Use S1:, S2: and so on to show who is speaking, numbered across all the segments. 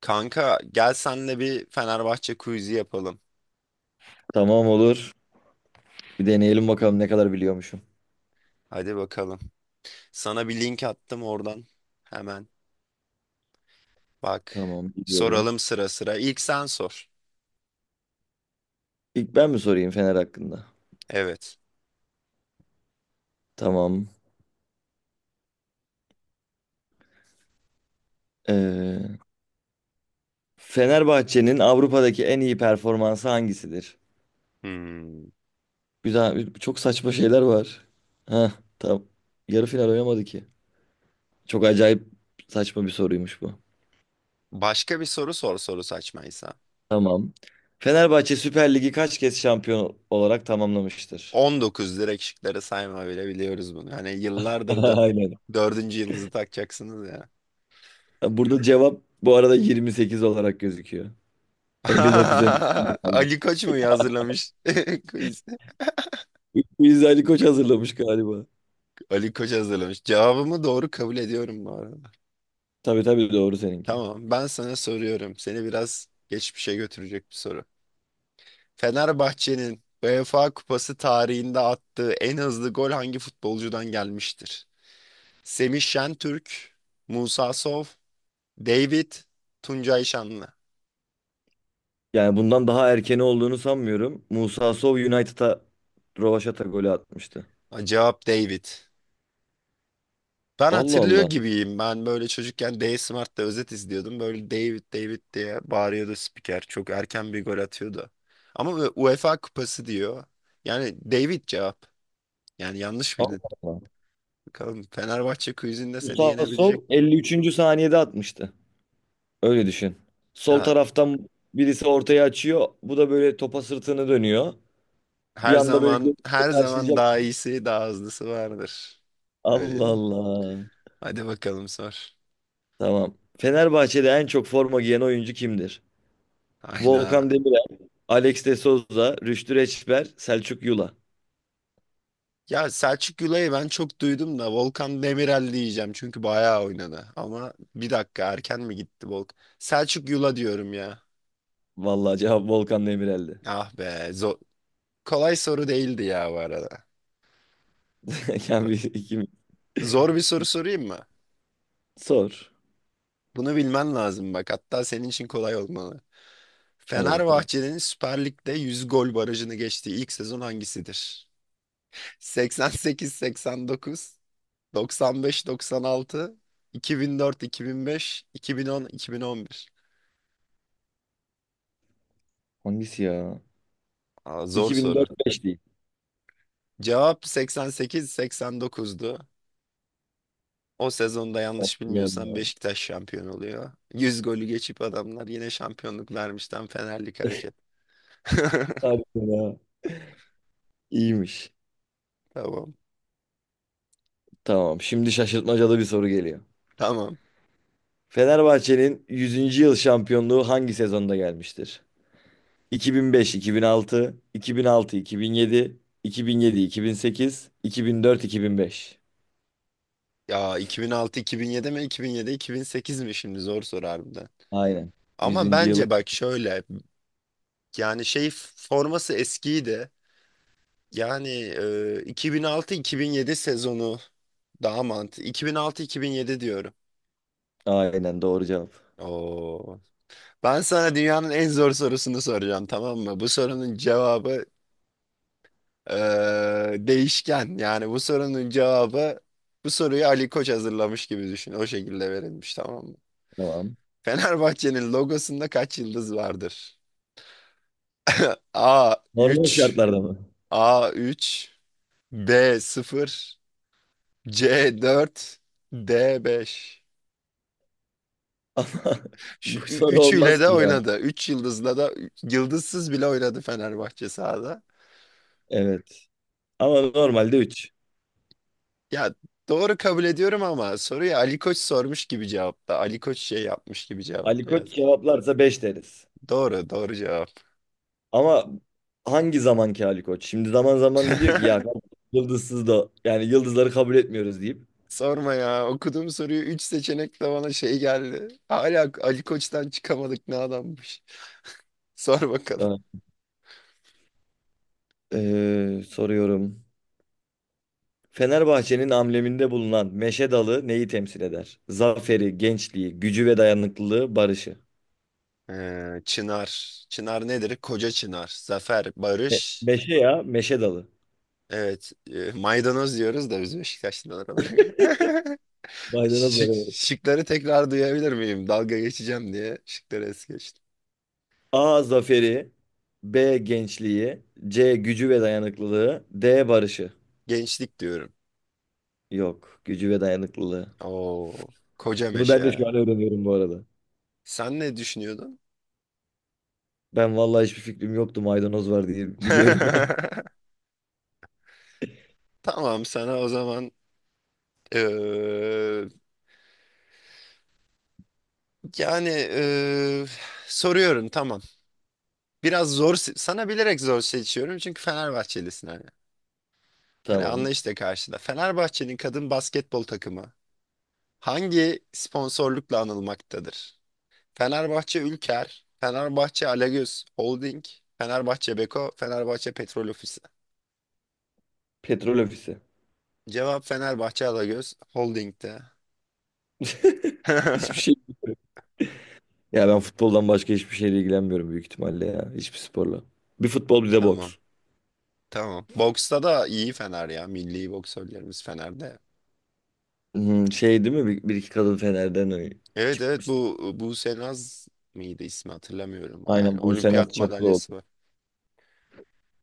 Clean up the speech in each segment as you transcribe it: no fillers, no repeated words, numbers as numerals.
S1: Kanka gel senle bir Fenerbahçe quiz'i yapalım.
S2: Tamam, olur. Bir deneyelim bakalım ne kadar biliyormuşum.
S1: Hadi bakalım. Sana bir link attım oradan. Hemen bak.
S2: Tamam, biliyorum.
S1: Soralım sıra sıra. İlk sen sor.
S2: İlk ben mi sorayım Fener hakkında?
S1: Evet.
S2: Tamam. Ee, Fenerbahçe'nin Avrupa'daki en iyi performansı hangisidir?
S1: Hmm.
S2: Güzel, çok saçma şeyler var. Ha, tamam. Yarı final oynamadı ki. Çok acayip saçma bir soruymuş bu.
S1: Başka bir soru sor soru saçmaysa.
S2: Tamam. Fenerbahçe Süper Ligi kaç kez şampiyon olarak tamamlamıştır?
S1: 19 direkt şıkları sayma bile biliyoruz bunu. Hani yıllardır
S2: Aynen.
S1: dördüncü yıldızı takacaksınız ya.
S2: Burada cevap bu arada 28 olarak gözüküyor. 59 önce.
S1: Ali Koç mu hazırlamış? Quiz.
S2: Biz Ali Koç hazırlamış galiba.
S1: Ali Koç hazırlamış. Cevabımı doğru kabul ediyorum bu arada.
S2: Tabii tabii, doğru seninki.
S1: Tamam, ben sana soruyorum. Seni biraz geçmişe götürecek bir soru. Fenerbahçe'nin UEFA Kupası tarihinde attığı en hızlı gol hangi futbolcudan gelmiştir? Semih Şentürk, Musa Sow, David, Tuncay Şanlı.
S2: Yani bundan daha erkeni olduğunu sanmıyorum. Musa Sow United'a rövaşata golü atmıştı.
S1: Ha, cevap David. Ben
S2: Allah
S1: hatırlıyor
S2: Allah.
S1: gibiyim. Ben böyle çocukken D Smart'ta özet izliyordum. Böyle David David diye bağırıyordu spiker. Çok erken bir gol atıyordu. Ama UEFA Kupası diyor. Yani David cevap. Yani yanlış bildin.
S2: Allah Allah.
S1: Bakalım Fenerbahçe quizinde seni
S2: Musa Sow
S1: yenebilecek mi?
S2: 53. saniyede atmıştı. Öyle düşün. Sol
S1: Ha,
S2: taraftan birisi ortaya açıyor. Bu da böyle topa sırtını dönüyor. Bir
S1: her
S2: anda böyle
S1: zaman her
S2: gözle
S1: zaman
S2: karşılayacak.
S1: daha iyisi daha hızlısı vardır. Öyle değil
S2: Allah
S1: mi?
S2: Allah.
S1: Hadi bakalım sor.
S2: Tamam. Fenerbahçe'de en çok forma giyen oyuncu kimdir?
S1: Hayda.
S2: Volkan Demirel, Alex de Souza, Rüştü Reçber, Selçuk Yula.
S1: Ya Selçuk Gülay'ı ben çok duydum da Volkan Demirel diyeceğim çünkü bayağı oynadı. Ama bir dakika erken mi gitti Volkan? Selçuk Yula diyorum ya.
S2: Vallahi cevap Volkan Demirel'di.
S1: Ah be zor. Kolay soru değildi ya bu arada.
S2: Kendi
S1: Ta-
S2: ikimiz.
S1: Zor bir soru sorayım mı?
S2: Sor.
S1: Bunu bilmen lazım bak, hatta senin için kolay olmalı.
S2: Hadi bakalım.
S1: Fenerbahçe'nin Süper Lig'de 100 gol barajını geçtiği ilk sezon hangisidir? 88-89, 95-96, 2004-2005, 2010-2011.
S2: Hangisi ya?
S1: Aa, zor
S2: İki bin
S1: soru.
S2: dört beş değil.
S1: Cevap 88-89'du. O sezonda yanlış
S2: Allah
S1: bilmiyorsam
S2: Allah.
S1: Beşiktaş şampiyon oluyor. 100 golü geçip adamlar yine şampiyonluk vermişten Fenerlik hareket.
S2: Harbiden ha. İyiymiş.
S1: Tamam.
S2: Tamam. Şimdi şaşırtmacalı bir soru geliyor.
S1: Tamam.
S2: Fenerbahçe'nin yüzüncü yıl şampiyonluğu hangi sezonda gelmiştir? Bin bin beş-iki bin altı, iki bin altı-iki bin beş, iki iki iki iki iki altı, altı, yedi, yedi, bin sekiz, iki bin dört, iki bin beş.
S1: Ya 2006-2007 mi? 2007-2008 mi şimdi? Zor soru harbiden.
S2: Aynen.
S1: Ama
S2: Yüzüncü yıl.
S1: bence bak şöyle, yani şey, forması eskiydi. Yani 2006-2007 sezonu daha mantıklı. 2006-2007 diyorum.
S2: Aynen, doğru cevap.
S1: Oo. Ben sana dünyanın en zor sorusunu soracağım, tamam mı? Bu sorunun cevabı e, değişken. Yani bu sorunun cevabı, bu soruyu Ali Koç hazırlamış gibi düşün. O şekilde verilmiş, tamam mı?
S2: Tamam.
S1: Fenerbahçe'nin logosunda kaç yıldız vardır? A
S2: Normal
S1: 3.
S2: şartlarda mı?
S1: A 3. B sıfır, C 4, D 5.
S2: Ama
S1: Şu
S2: bu soru
S1: üçüyle
S2: olmaz
S1: de
S2: ki ya.
S1: oynadı. Üç yıldızla da yıldızsız bile oynadı Fenerbahçe sahada.
S2: Evet. Ama normalde üç.
S1: Ya doğru kabul ediyorum ama soruyu Ali Koç sormuş gibi cevapla. Ali Koç şey yapmış gibi
S2: Ali
S1: cevapla yaz.
S2: Koç cevaplarsa 5 deriz.
S1: Doğru, doğru cevap.
S2: Ama hangi zamanki Ali Koç? Şimdi zaman zaman da diyor ki ya kardeşim, yıldızsız da, yani yıldızları kabul etmiyoruz deyip.
S1: Sorma ya. Okuduğum soruyu 3 seçenekle bana şey geldi. Hala Ali Koç'tan çıkamadık, ne adammış. Sor bakalım.
S2: Evet. Soruyorum. Fenerbahçe'nin ambleminde bulunan meşe dalı neyi temsil eder? Zaferi, gençliği, gücü ve dayanıklılığı, barışı.
S1: Çınar. Çınar nedir? Koca Çınar. Zafer,
S2: Me-
S1: barış.
S2: meşe ya, meşe dalı.
S1: Evet, maydanoz diyoruz da biz Beşiktaşlılar olarak.
S2: Maydanoz dalı.
S1: Şıkları tekrar duyabilir miyim? Dalga geçeceğim diye şıkları es geçtim.
S2: A, zaferi. B, gençliği. C, gücü ve dayanıklılığı. D, barışı.
S1: Gençlik diyorum.
S2: Yok. Gücü ve dayanıklılığı.
S1: Oo, koca
S2: Bunu ben
S1: meşe.
S2: de şu an öğreniyorum bu arada.
S1: Sen ne düşünüyordun?
S2: Ben vallahi hiçbir fikrim yoktu, maydanoz var diye biliyorum ben.
S1: Tamam, sana o zaman eee, yani soruyorum tamam. Biraz zor sana bilerek zor seçiyorum çünkü Fenerbahçelisin hani. Hani
S2: Tamam.
S1: anlayışla karşıda. Fenerbahçe'nin kadın basketbol takımı hangi sponsorlukla anılmaktadır? Fenerbahçe Ülker, Fenerbahçe Alagöz Holding, Fenerbahçe Beko, Fenerbahçe Petrol Ofisi.
S2: Petrol ofisi.
S1: Cevap Fenerbahçe Alagöz Holding'de.
S2: Hiçbir şey. Ya ben futboldan başka hiçbir şeyle ilgilenmiyorum büyük ihtimalle ya. Hiçbir sporla. Bir futbol bir de
S1: Tamam.
S2: boks.
S1: Tamam. Boksta da iyi Fener ya. Milli boksörlerimiz Fener'de.
S2: Hmm, şey değil mi? Bir, bir iki kadın Fener'den
S1: Evet evet,
S2: çıkmıştı.
S1: bu Buse Naz mıydı ismi, hatırlamıyorum. Yani
S2: Aynen, Buse Naz
S1: olimpiyat
S2: Çakıroğlu.
S1: madalyası var.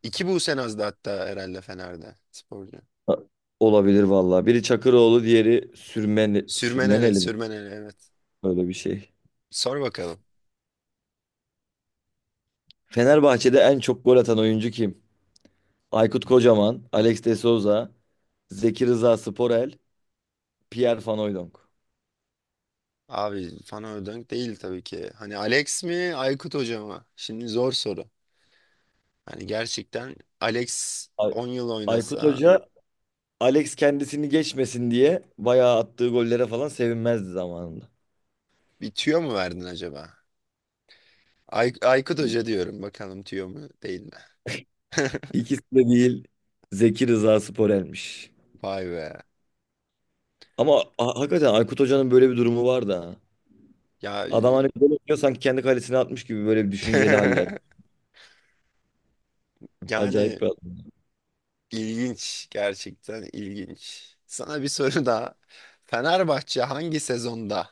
S1: İki Buse Naz'dı hatta herhalde Fener'de sporcu.
S2: Ha, olabilir vallahi. Biri Çakıroğlu, diğeri
S1: Sürmeneli,
S2: Sürmeneli mi?
S1: Sürmeneli, evet.
S2: Öyle bir şey.
S1: Sor bakalım.
S2: Fenerbahçe'de en çok gol atan oyuncu kim? Aykut Kocaman, Alex de Souza, Zeki Rıza Sporel, Pierre Van Hooijdonk.
S1: Abi Fana Ödönk değil tabii ki. Hani Alex mi Aykut Hoca mı? Şimdi zor soru. Hani gerçekten Alex
S2: Ay-
S1: 10 yıl
S2: Aykut
S1: oynasa
S2: Hoca. Alex kendisini geçmesin diye bayağı attığı gollere falan sevinmezdi zamanında.
S1: bir tüyo mu verdin acaba? Ay Aykut
S2: İ-
S1: Hoca diyorum, bakalım tüyo mu değil mi?
S2: İkisi de değil. Zeki Rıza Sporel'miş.
S1: Vay be.
S2: Ama hakikaten Aykut Hoca'nın böyle bir durumu var da.
S1: Ya
S2: Adam hani böyle oynuyor sanki kendi kalesine atmış gibi, böyle bir düşünceli haller. Acayip
S1: yani
S2: bir adam.
S1: ilginç, gerçekten ilginç. Sana bir soru daha. Fenerbahçe hangi sezonda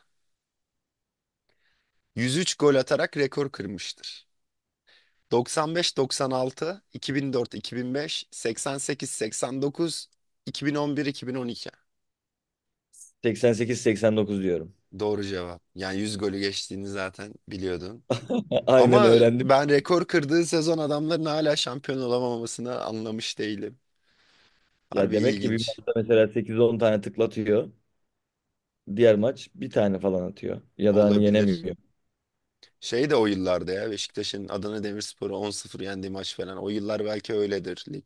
S1: 103 gol atarak rekor kırmıştır? 95, 96, 2004, 2005, 88, 89, 2011, 2012.
S2: 88-89 diyorum.
S1: Doğru cevap. Yani 100 golü geçtiğini zaten biliyordun.
S2: Aynen,
S1: Ama
S2: öğrendim.
S1: ben rekor kırdığı sezon adamların hala şampiyon olamamasını anlamış değilim.
S2: Ya
S1: Harbi
S2: demek ki bir
S1: ilginç
S2: maçta mesela 8-10 tane tıklatıyor. Diğer maç bir tane falan atıyor. Ya da hani
S1: olabilir.
S2: yenemiyor.
S1: Şey de o yıllarda ya Beşiktaş'ın Adana Demirspor'u 10-0 yendiği maç falan. O yıllar belki öyledir lig.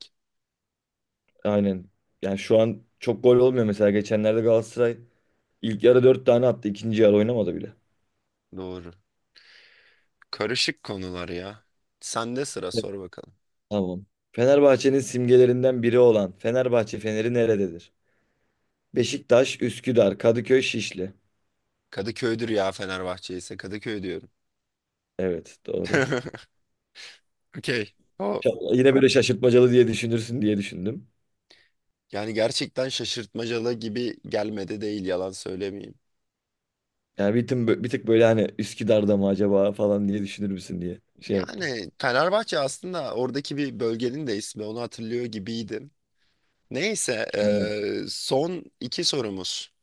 S2: Aynen. Yani şu an çok gol olmuyor mesela. Geçenlerde Galatasaray ilk yarı 4 tane attı. İkinci yarı oynamadı bile.
S1: Doğru. Karışık konular ya. Sende sıra,
S2: Evet.
S1: sor bakalım.
S2: Tamam. Fenerbahçe'nin simgelerinden biri olan Fenerbahçe Feneri nerededir? Beşiktaş, Üsküdar, Kadıköy, Şişli.
S1: Kadıköy'dür ya Fenerbahçe, ise Kadıköy diyorum.
S2: Evet, doğru.
S1: Okey. O
S2: Yine böyle şaşırtmacalı diye düşünürsün diye düşündüm.
S1: yani gerçekten şaşırtmacalı gibi gelmedi, değil, yalan söylemeyeyim.
S2: Yani bir tık böyle hani Üsküdar'da mı acaba falan diye düşünür müsün diye şey yaptım.
S1: Yani Fenerbahçe aslında oradaki bir bölgenin de ismi, onu hatırlıyor gibiydim. Neyse
S2: Aynen.
S1: son iki sorumuz.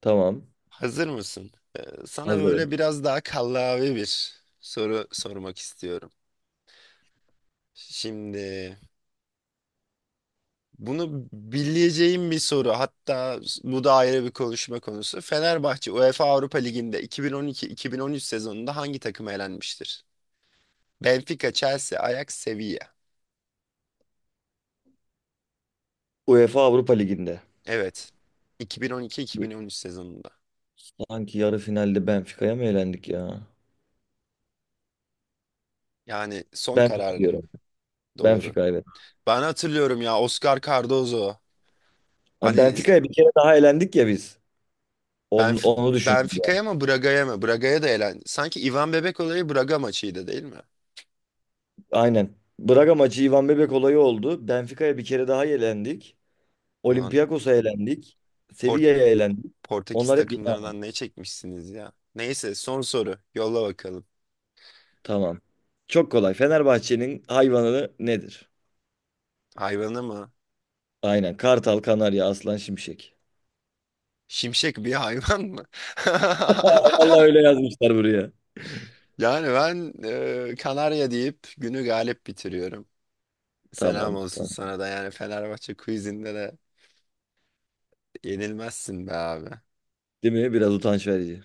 S2: Tamam.
S1: Hazır mısın? Sana böyle
S2: Hazırım.
S1: biraz daha kallavi bir soru sormak istiyorum. Şimdi bunu bileceğim bir soru. Hatta bu da ayrı bir konuşma konusu. Fenerbahçe UEFA Avrupa Ligi'nde 2012-2013 sezonunda hangi takım elenmiştir? Benfica, Chelsea, Ajax, Sevilla.
S2: UEFA Avrupa Ligi'nde.
S1: Evet. 2012-2013 sezonunda.
S2: Sanki yarı finalde Benfica'ya mı elendik ya?
S1: Yani son
S2: Benfica
S1: kararın
S2: diyorum.
S1: doğru.
S2: Benfica, evet.
S1: Ben hatırlıyorum ya, Oscar Cardozo.
S2: Ha,
S1: Hani
S2: Benfica'ya bir kere daha elendik ya biz.
S1: Benf
S2: Onu düşündüm yani.
S1: Benfica'ya mı Braga'ya mı? Braga'ya da elen. Sanki Ivan Bebek olayı Braga maçıydı değil mi?
S2: Aynen. Braga maçı Ivan Bebek olayı oldu. Benfica'ya bir kere daha elendik.
S1: Ulan
S2: Olympiakos'a elendik. Sevilla'ya elendik.
S1: Portekiz
S2: Onlar hep yeni ama.
S1: takımlarından ne çekmişsiniz ya? Neyse son soru. Yolla bakalım.
S2: Tamam. Çok kolay. Fenerbahçe'nin hayvanı nedir?
S1: Hayvanı mı?
S2: Aynen. Kartal, Kanarya, Aslan, Şimşek.
S1: Şimşek bir hayvan mı?
S2: Vallahi öyle yazmışlar buraya.
S1: Yani ben Kanarya deyip günü galip bitiriyorum. Selam
S2: Tamam,
S1: olsun
S2: tamam.
S1: sana da, yani Fenerbahçe quizinde de yenilmezsin be abi.
S2: Değil mi? Biraz utanç verici.